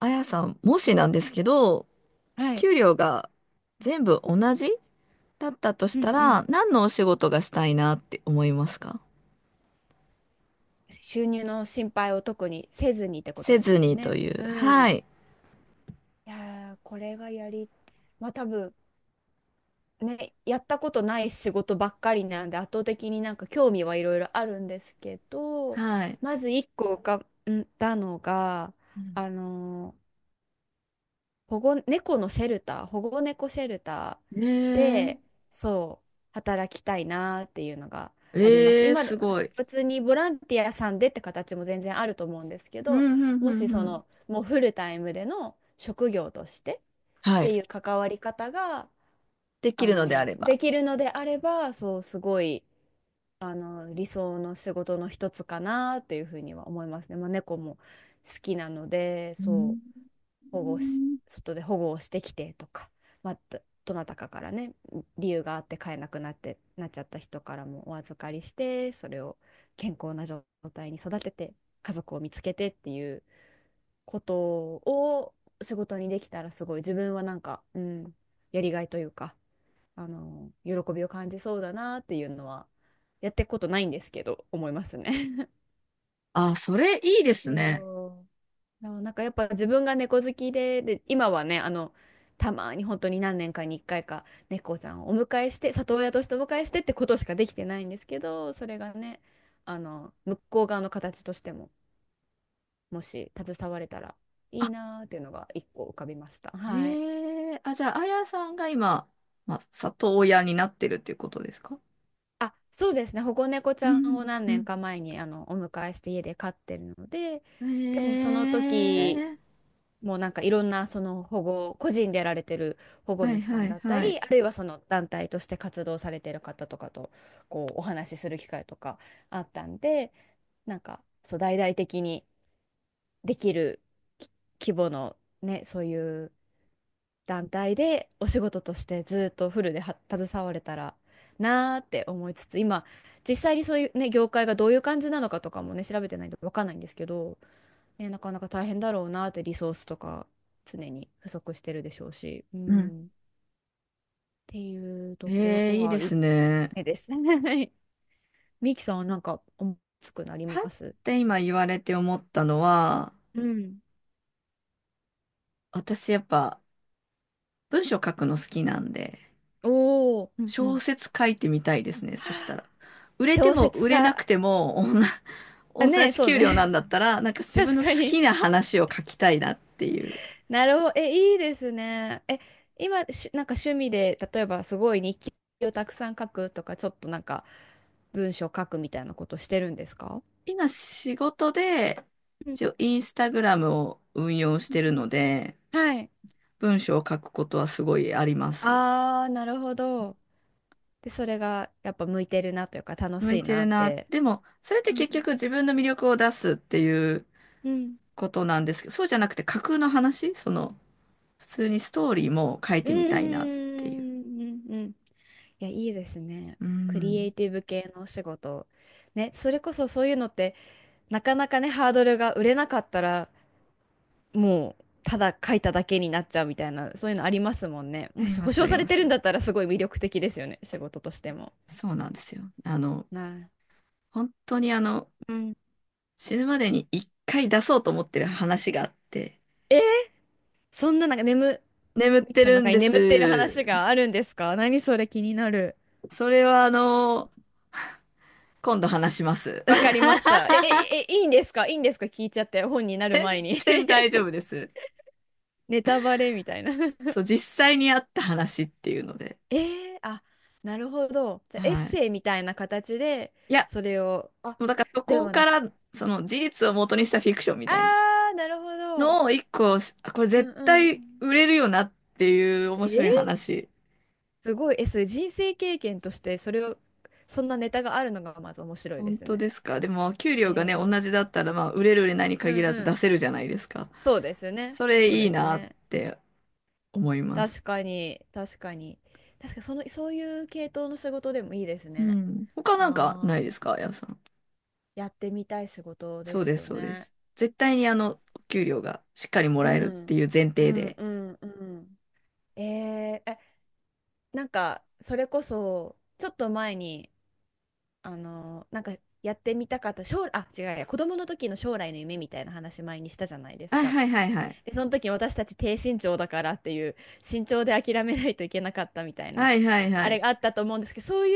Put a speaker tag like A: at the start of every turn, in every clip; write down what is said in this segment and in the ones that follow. A: あやさん、もしなんですけど、
B: はい。
A: 給料が全部同じだったとし
B: うんう
A: た
B: ん。
A: ら、何のお仕事がしたいなって思いますか？
B: 収入の心配を特にせずにってこと
A: せ
B: で
A: ず
B: すよ
A: にと
B: ね。
A: いう。
B: う
A: は
B: ん。
A: い。
B: いやー、これがやり、まあ多分、ね、やったことない仕事ばっかりなんで圧倒的になんか興味はいろいろあるんですけど、
A: はい。
B: まず一個浮かんだのが
A: うん。
B: あの保護、猫のシェルター、保護猫シェルター
A: ね
B: で、そう、働きたいなっていうのがありますね。
A: ええ、
B: 今で
A: す
B: も
A: ごい。
B: 普通にボランティアさんでって形も全然あると思うんですけ
A: う
B: ど、
A: ん、うん、
B: も
A: う
B: し
A: ん、
B: そ
A: うん。
B: の、もうフルタイムでの職業としてっ
A: は
B: て
A: い。
B: いう関わり方が、
A: できるのであれば。
B: できるのであれば、そう、すごい、理想の仕事の一つかなっていうふうには思いますね。まあ、猫も好きなので、
A: う
B: そう。
A: ん。
B: 保護し、外で保護をしてきてとか、まあ、どなたかからね、理由があって飼えなくなって、なっちゃった人からもお預かりして、それを健康な状態に育てて、家族を見つけてっていうことを仕事にできたらすごい自分はなんか、うん、やりがいというか、喜びを感じそうだなっていうのは、やっていくことないんですけど、思いますね。
A: あ、それいいで す
B: そ
A: ね。
B: うそうなんかやっぱ自分が猫好きで、で、今はね、たまに本当に何年かに1回か猫ちゃんをお迎えして、里親としてお迎えしてってことしかできてないんですけど、それがね、向こう側の形としても、もし携われたらいいなーっていうのが一個浮かびました。はい。
A: ええ。あ、じゃあ、あやさんが今、まあ、里親になってるっていうことですか？
B: あ、そうですね。保護猫ち
A: う
B: ゃんを
A: ん、
B: 何
A: う
B: 年
A: ん、
B: か前にお迎えして家で飼ってるので。
A: う
B: でもその時
A: ん。ええ。
B: もうなんかいろんなその保護、個人でやられてる保護
A: はい
B: 主さ
A: は
B: ん
A: い
B: だった
A: はい。
B: り、あるいはその団体として活動されてる方とかとこうお話しする機会とかあったんで、なんかそう大々的にできるき規模のね、そういう団体でお仕事としてずっとフルでは携われたらなーって思いつつ、今実際にそういうね、業界がどういう感じなのかとかもね、調べてないんでわかんないんですけど、ね、なかなか大変だろうなって、リソースとか常に不足してるでしょうし、う
A: うん。
B: ん、っていうとこ
A: ええ、
B: ろ
A: いい
B: が
A: です
B: 1
A: ね。
B: 目ですね。はい。ミキさんはなんか思いつくなり
A: パッ
B: ます？
A: て今言われて思ったのは、
B: うん。
A: 私やっぱ文章書くの好きなんで、
B: おお、うんう
A: 小
B: ん。
A: 説書いてみたいですね。そしたら。売れて
B: 小
A: も
B: 説
A: 売れなく
B: 家。
A: ても、同じ、
B: あ、
A: 同
B: ね、
A: じ
B: そう
A: 給料なん
B: ね。
A: だったら、なんか 自分
B: 確
A: の
B: か
A: 好
B: に。
A: きな話を書きたいなっていう。
B: なるほど。え、いいですね。え、今、し、なんか趣味で、例えばすごい日記をたくさん書くとか、ちょっとなんか文章書くみたいなことしてるんですか？
A: 今仕事で、
B: うん
A: 一応インスタグラムを運用し
B: うん、
A: てる
B: うん、
A: ので、
B: はい。
A: 文章を書くことはすごいあります。
B: ああ、なるほど。で、それがやっぱ向いてるなというか楽
A: 向
B: し
A: い
B: い
A: て
B: な
A: る
B: っ
A: な。
B: て。
A: でも、それって
B: う
A: 結
B: ん。
A: 局自分の魅力を出すっていう
B: うん。
A: ことなんですけど、そうじゃなくて架空の話、その、普通にストーリーも書い
B: うん
A: てみたいなっていう。
B: うんうんうん。いや、いいですね。
A: う
B: クリエ
A: ん。
B: イティブ系のお仕事。ね、それこそそういうのって、なかなかね、ハードルが、売れなかったら、もう、ただ書いただけになっちゃうみたいな、そういうのありますもんね。
A: あ
B: も
A: り
B: し
A: ま
B: 保
A: す、あ
B: 証
A: り
B: さ
A: ま
B: れてるん
A: す。
B: だったら、すごい魅力的ですよね、仕事としても。
A: そうなんですよ。
B: なあ。
A: 本当にあの、
B: うん。
A: 死ぬまでに一回出そうと思ってる話があって、
B: そんななんか眠、
A: 眠っ
B: ミキ
A: て
B: さんの
A: るん
B: 中に
A: で
B: 眠っている
A: す。
B: 話があるんですか？何それ気になる。
A: それはあの、今度話します。
B: わかり ました。え、え、え、いいんですか？いいんですか聞いちゃって、本になる前
A: 全
B: に？
A: 然大丈夫です。
B: ネタバレみたいな。
A: そう、実際にあった話っていうので。
B: えー、あ、なるほど。じゃあ、エッ
A: はい。
B: セイみたいな形で、
A: いや、
B: それを、あ、
A: もうだからそ
B: で
A: こ
B: はな
A: か
B: く、
A: らその事実を元にしたフィクションみたいな
B: あー、なるほど。
A: のを一個、あ、これ
B: うん
A: 絶
B: うん。
A: 対売れるよなっていう面
B: え
A: 白
B: ー、
A: い話。
B: すごい。え、それ人生経験として、それを、そんなネタがあるのがまず面白いで
A: 本
B: す
A: 当
B: ね。
A: ですか。でも給料が
B: え
A: ね、同
B: ー、
A: じだったらまあ売れる売れないに
B: うん
A: 限らず
B: う
A: 出
B: ん。
A: せるじゃないですか。
B: そうですね。
A: それ
B: そう
A: いい
B: です
A: なっ
B: ね。
A: て思いま
B: 確
A: す。
B: かに、確かに。確かにその、そういう系統の仕事でもいいです
A: う
B: ね。
A: ん。他なんかな
B: あ
A: い
B: あ、
A: ですか、あやさん。
B: やってみたい仕事で
A: そう
B: す
A: です、
B: よ
A: そうで
B: ね。
A: す。絶対にあの、お給料がしっかりも
B: う
A: らえるって
B: ん、
A: いう前
B: う
A: 提
B: ん、
A: で。
B: うん、うん。えー、え、なんか、それこそ、ちょっと前に、あの、なんか、やってみたかった、将来、あ、違うや、子供の時の将来の夢みたいな話前にしたじゃないです
A: はい
B: か。
A: はいはいはい。
B: で、その時私たち低身長だからっていう、身長で諦めないといけなかったみたいな、
A: はいはいは
B: あれ
A: い。
B: があったと思うんですけど、そうい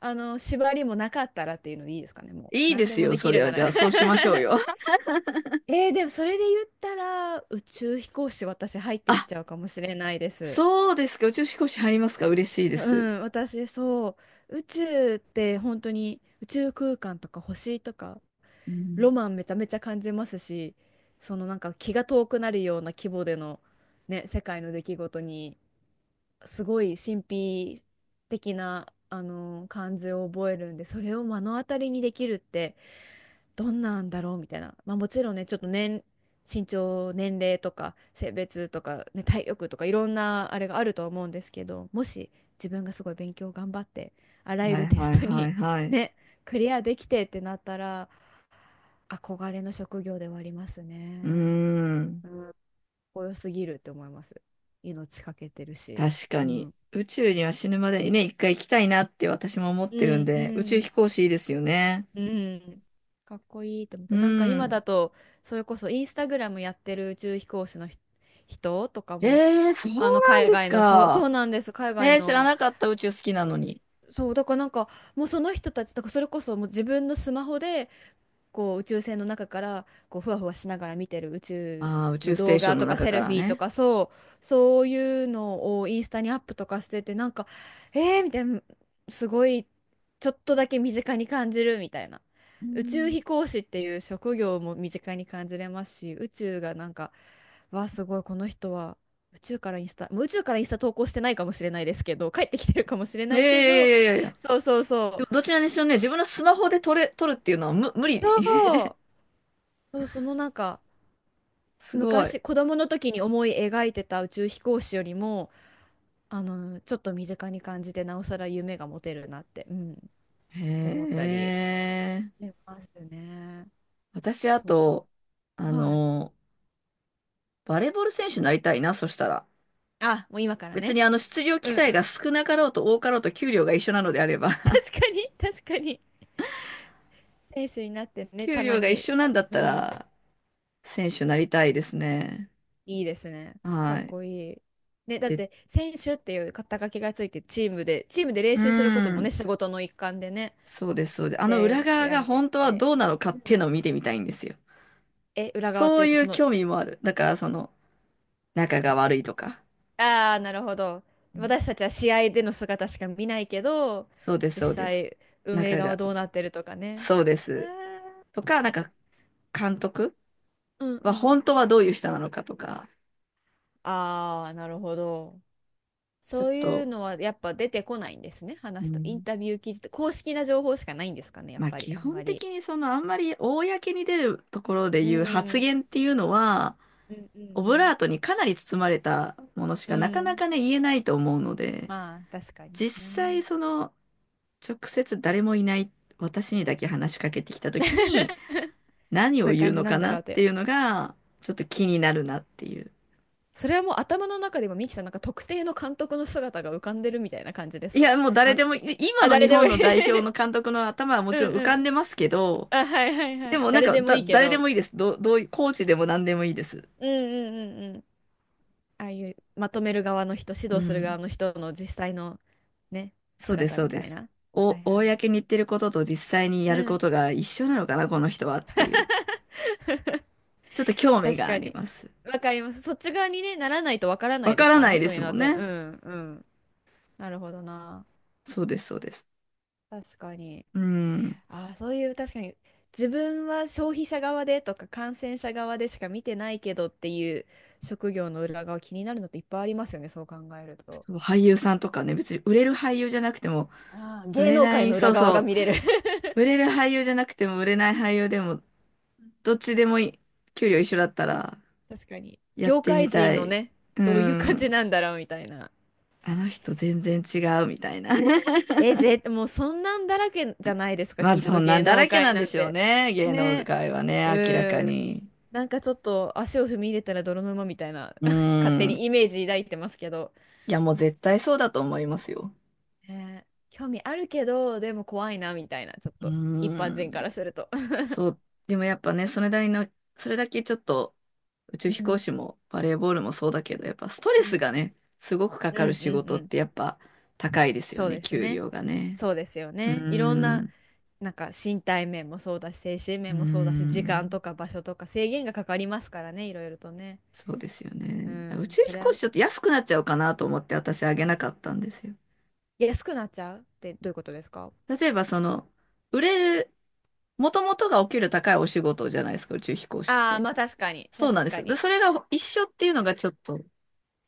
B: 縛りもなかったらっていうのでいいですかね、もう。
A: いいで
B: 何で
A: す
B: も
A: よ、
B: でき
A: そ
B: る
A: れは。
B: な
A: じ
B: ら。
A: ゃあ そうしましょうよ。
B: えー、でもそれで言ったら、宇宙飛行士私入ってき ちゃうかもしれないです。
A: そうですか。宇宙飛行士入りますか？嬉しいで
B: そう
A: す。
B: ん、私そう、宇宙って本当に宇宙空間とか星とか、
A: う
B: ロ
A: ん。
B: マンめちゃめちゃ感じますし、そのなんか気が遠くなるような規模での、ね、世界の出来事に、すごい神秘的な、感じを覚えるんで、それを目の当たりにできるって、どんなんだろうみたいな、まあ、もちろんね、ちょっと身長、年齢とか性別とか、ね、体力とかいろんなあれがあると思うんですけど、もし自分がすごい勉強頑張ってあらゆ
A: はい
B: るテ
A: はい
B: スト
A: は
B: に
A: いは い。
B: ねクリアできてってなったら、憧れの職業ではあります
A: うー
B: ね。
A: ん。
B: うん、かっこよすぎるって思います。命かけてるし。
A: 確か
B: う
A: に。
B: ん、
A: 宇宙には死ぬまでにね、一回行きたいなって私も思っ
B: う
A: てるん
B: ん、う
A: で、宇宙飛
B: ん
A: 行士いいですよね。
B: うん。かっこいいと思っ
A: う
B: て。なんか今
A: ん。
B: だと、それこそインスタグラムやってる宇宙飛行士の人とかも、
A: えー、そう
B: あの
A: なん
B: 海
A: です
B: 外の、そう、そう
A: か。
B: なんです。海外
A: えー、知ら
B: の、
A: なかった。宇宙好きなのに。
B: そう、だからなんか、もうその人たちとか、それこそもう自分のスマホで、こう宇宙船の中からこうふわふわしながら見てる宇宙
A: ああ、宇
B: の
A: 宙ステー
B: 動
A: ショ
B: 画
A: ン
B: と
A: の
B: か
A: 中
B: セ
A: か
B: ルフ
A: ら
B: ィーと
A: ね。
B: か、そうそういうのをインスタにアップとかしてて、なんか、えー、みたいな、すごいちょっとだけ身近に感じるみたいな。
A: う
B: 宇宙
A: ん。
B: 飛行士っていう職業も身近に感じれますし、宇宙がなんか、わあすごい、この人は宇宙からインスタ、もう宇宙からインスタ投稿してないかもしれないですけど、帰ってきてるかもしれ
A: え
B: ないけど、
A: え、いやいやいや。
B: そうそう
A: で
B: そ
A: も
B: う、
A: どちらにしろね、自分のスマホで撮れ、撮るっていうのは無、無理。
B: そうそうそのなんか
A: すごい。へ
B: 昔子供の時に思い描いてた宇宙飛行士よりも、ちょっと身近に感じて、なおさら夢が持てるなって、うん、思ったり
A: え。
B: しますね。
A: 私、あ
B: そ
A: と、あ
B: う、はい。
A: の、バレーボール選手になりたいな、そしたら。
B: あ、もう今から
A: 別
B: ね。
A: にあの、出場
B: う
A: 機
B: んうん、
A: 会が
B: 確
A: 少なかろうと多かろうと給料が一緒なのであれば、
B: かに確かに。選手になって ね、
A: 給
B: たま
A: 料が一
B: に、
A: 緒なんだっ
B: う
A: た
B: ん、
A: ら、選手になりたいですね。
B: いいですね、か
A: は
B: っ
A: い。
B: こいい。ね、だっ
A: で、
B: て選手っていう肩書きがついて、チームで練
A: う
B: 習することもね、
A: ん。
B: 仕事の一環でね、
A: そうです、そうです。あの
B: で
A: 裏
B: 試
A: 側
B: 合
A: が
B: に出
A: 本当は
B: て、
A: どうなのか
B: う
A: ってい
B: ん、
A: うのを見てみたいんですよ。
B: え、裏側っ
A: そ
B: てい
A: う
B: う
A: い
B: とそ
A: う
B: の、
A: 興味もある。だから、その、仲が悪いとか。
B: ああ、なるほど。
A: うん。
B: 私たちは試合での姿しか見ないけど、
A: そうです、
B: 実
A: そうです。
B: 際運営
A: 仲
B: 側
A: が、
B: どうなってるとかね。
A: そうで
B: あー、
A: す。とか、なんか、監督
B: うんう
A: は
B: ん。
A: 本当はどういう人なのかとか、
B: ああ、なるほど。
A: ちょっ
B: そういう
A: と、
B: のはやっぱ出てこないんですね、
A: う
B: 話と。イン
A: ん、
B: タビュー記事と、公式な情報しかないんですかね、やっ
A: まあ
B: ぱり、
A: 基
B: あん
A: 本
B: ま
A: 的
B: り。
A: にそのあんまり公に出るところで
B: う
A: 言う
B: ん、
A: 発
B: う
A: 言っていうのは、
B: んう
A: オブラ
B: ん
A: ートにかなり包まれたものし
B: う
A: か
B: ん。
A: なか
B: う
A: な
B: ん。
A: かね言えないと思うので、
B: まあ、確かに
A: 実際
B: ね。
A: その直接誰もいない私にだけ話しかけてきた時に 何
B: と
A: を
B: いう
A: 言う
B: 感じ
A: の
B: なん
A: か
B: だ
A: なっ
B: ろうと。
A: ていうのがちょっと気になるなっていう。
B: それはもう頭の中で、もミキさんなんか特定の監督の姿が浮かんでるみたいな感じで
A: い
B: すか？
A: や、もう誰
B: あの、
A: でも今
B: あ、
A: の
B: 誰
A: 日
B: でも
A: 本
B: い
A: の
B: い。
A: 代表の監督の頭は も
B: う
A: ちろ
B: ん
A: ん浮
B: う
A: かんで
B: ん。
A: ますけど、
B: あ、はいはいは
A: で
B: い。
A: もなん
B: 誰
A: か、
B: でも
A: だ、
B: いいけ
A: 誰で
B: ど。
A: もいいです。どう、どういコーチでも何でもいいです。
B: うんうんうんうん。ああいうまとめる側の人、指
A: う
B: 導する側
A: ん。
B: の人の実際の、ね、
A: そうです、
B: 姿
A: そう
B: み
A: で
B: たい
A: す。
B: な。は
A: お、
B: いはい。
A: 公に言ってることと実際に
B: う
A: やるこ
B: ん。
A: とが一緒なのかな、この人はっていう。ちょっと興味
B: 確
A: があ
B: か
A: り
B: に。
A: ます。
B: わかります。そっち側にね、ならないとわからな
A: わ
B: いで
A: か
B: す
A: ら
B: から
A: な
B: ね、
A: いで
B: そうい
A: す
B: うの
A: も
B: っ
A: ん
B: て。う
A: ね。
B: んうん。なるほどな。
A: そうです、そうです。
B: 確かに。
A: うん。
B: ああ、そういう、確かに自分は消費者側でとか感染者側でしか見てないけどっていう、職業の裏側気になるのっていっぱいありますよね、そう考えると。
A: 俳優さんとかね、別に売れる俳優じゃなくても、
B: ああ、
A: 売
B: 芸
A: れ
B: 能
A: な
B: 界
A: い、
B: の裏
A: そう
B: 側が
A: そ
B: 見れる。
A: う。売れる俳優じゃなくても、売れない俳優でも、どっちでもいい。給料一緒だったら、
B: 確かに。
A: やっ
B: 業
A: て
B: 界
A: み
B: 人
A: た
B: の
A: い。
B: ね、
A: う
B: どういう感じ
A: ん。
B: なんだろうみたいな。
A: あの人全然違うみたいな。
B: もうそんなんだらけじゃないです か、
A: まあ
B: きっ
A: そ
B: と
A: んな
B: 芸
A: んだ
B: 能
A: らけな
B: 界
A: んで
B: なん
A: しょう
B: て。
A: ね。芸能
B: ね。
A: 界はね、明らか
B: うん。
A: に。
B: なんかちょっと足を踏み入れたら泥沼みたいな
A: う
B: 勝手に
A: ん。
B: イメージ抱いてますけど。
A: いや、もう絶対そうだと思いますよ。
B: ね、興味あるけど、でも怖いなみたいな、ちょっ
A: う
B: と一般
A: ん。
B: 人からすると。
A: そう。でもやっぱね、それなりの、それだけちょっと宇宙
B: う
A: 飛行
B: ん、
A: 士もバレーボールもそうだけど、やっぱストレ
B: う
A: ス
B: ん、
A: がね、すごくか
B: うん、
A: か
B: う
A: る仕
B: ん、
A: 事
B: う
A: っ
B: ん。
A: てやっぱ高いですよ
B: そう
A: ね、
B: です
A: 給
B: ね。
A: 料がね。
B: そうですよ
A: う
B: ね。いろんな、
A: ん。
B: なんか身体面もそうだし、精神
A: う
B: 面もそうだし、時間
A: ん。
B: とか場所とか制限がかかりますからね、いろいろとね。
A: そうですよ
B: う
A: ね。宇
B: ん、
A: 宙
B: そ
A: 飛
B: り
A: 行
B: ゃ、
A: 士ちょっと安くなっちゃうかなと思って私あげなかったんですよ。
B: 安くなっちゃうってどういうことですか？
A: 例えばその、売れる、もともとがお給料高いお仕事じゃないですか、宇宙飛行士っ
B: ああ、
A: て。
B: まあ確かに、
A: そう
B: 確
A: なんで
B: か
A: す。で、
B: に。
A: それが一緒っていうのがちょっと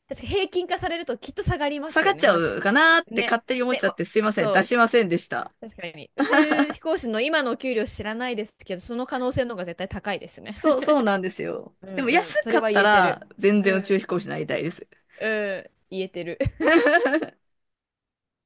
B: 確かに平均化されるときっと下がりま
A: 下
B: す
A: が
B: よ
A: っち
B: ね。
A: ゃ
B: まあし、
A: うかなーって
B: ね、
A: 勝手に思っ
B: ね、
A: ちゃっ
B: わ、
A: てすいません、
B: そ
A: 出
B: う、
A: しませんでした。
B: 確かに。宇宙飛行士の今のお給料知らないですけど、その可能性の方が絶対高いですね。
A: そう、そうなんですよ。
B: う
A: でも
B: んうん。
A: 安
B: そ
A: か
B: れは
A: っ
B: 言
A: た
B: えて
A: ら
B: る。
A: 全
B: う
A: 然宇宙
B: ん。
A: 飛行士になりたいです。
B: うん。言えてる。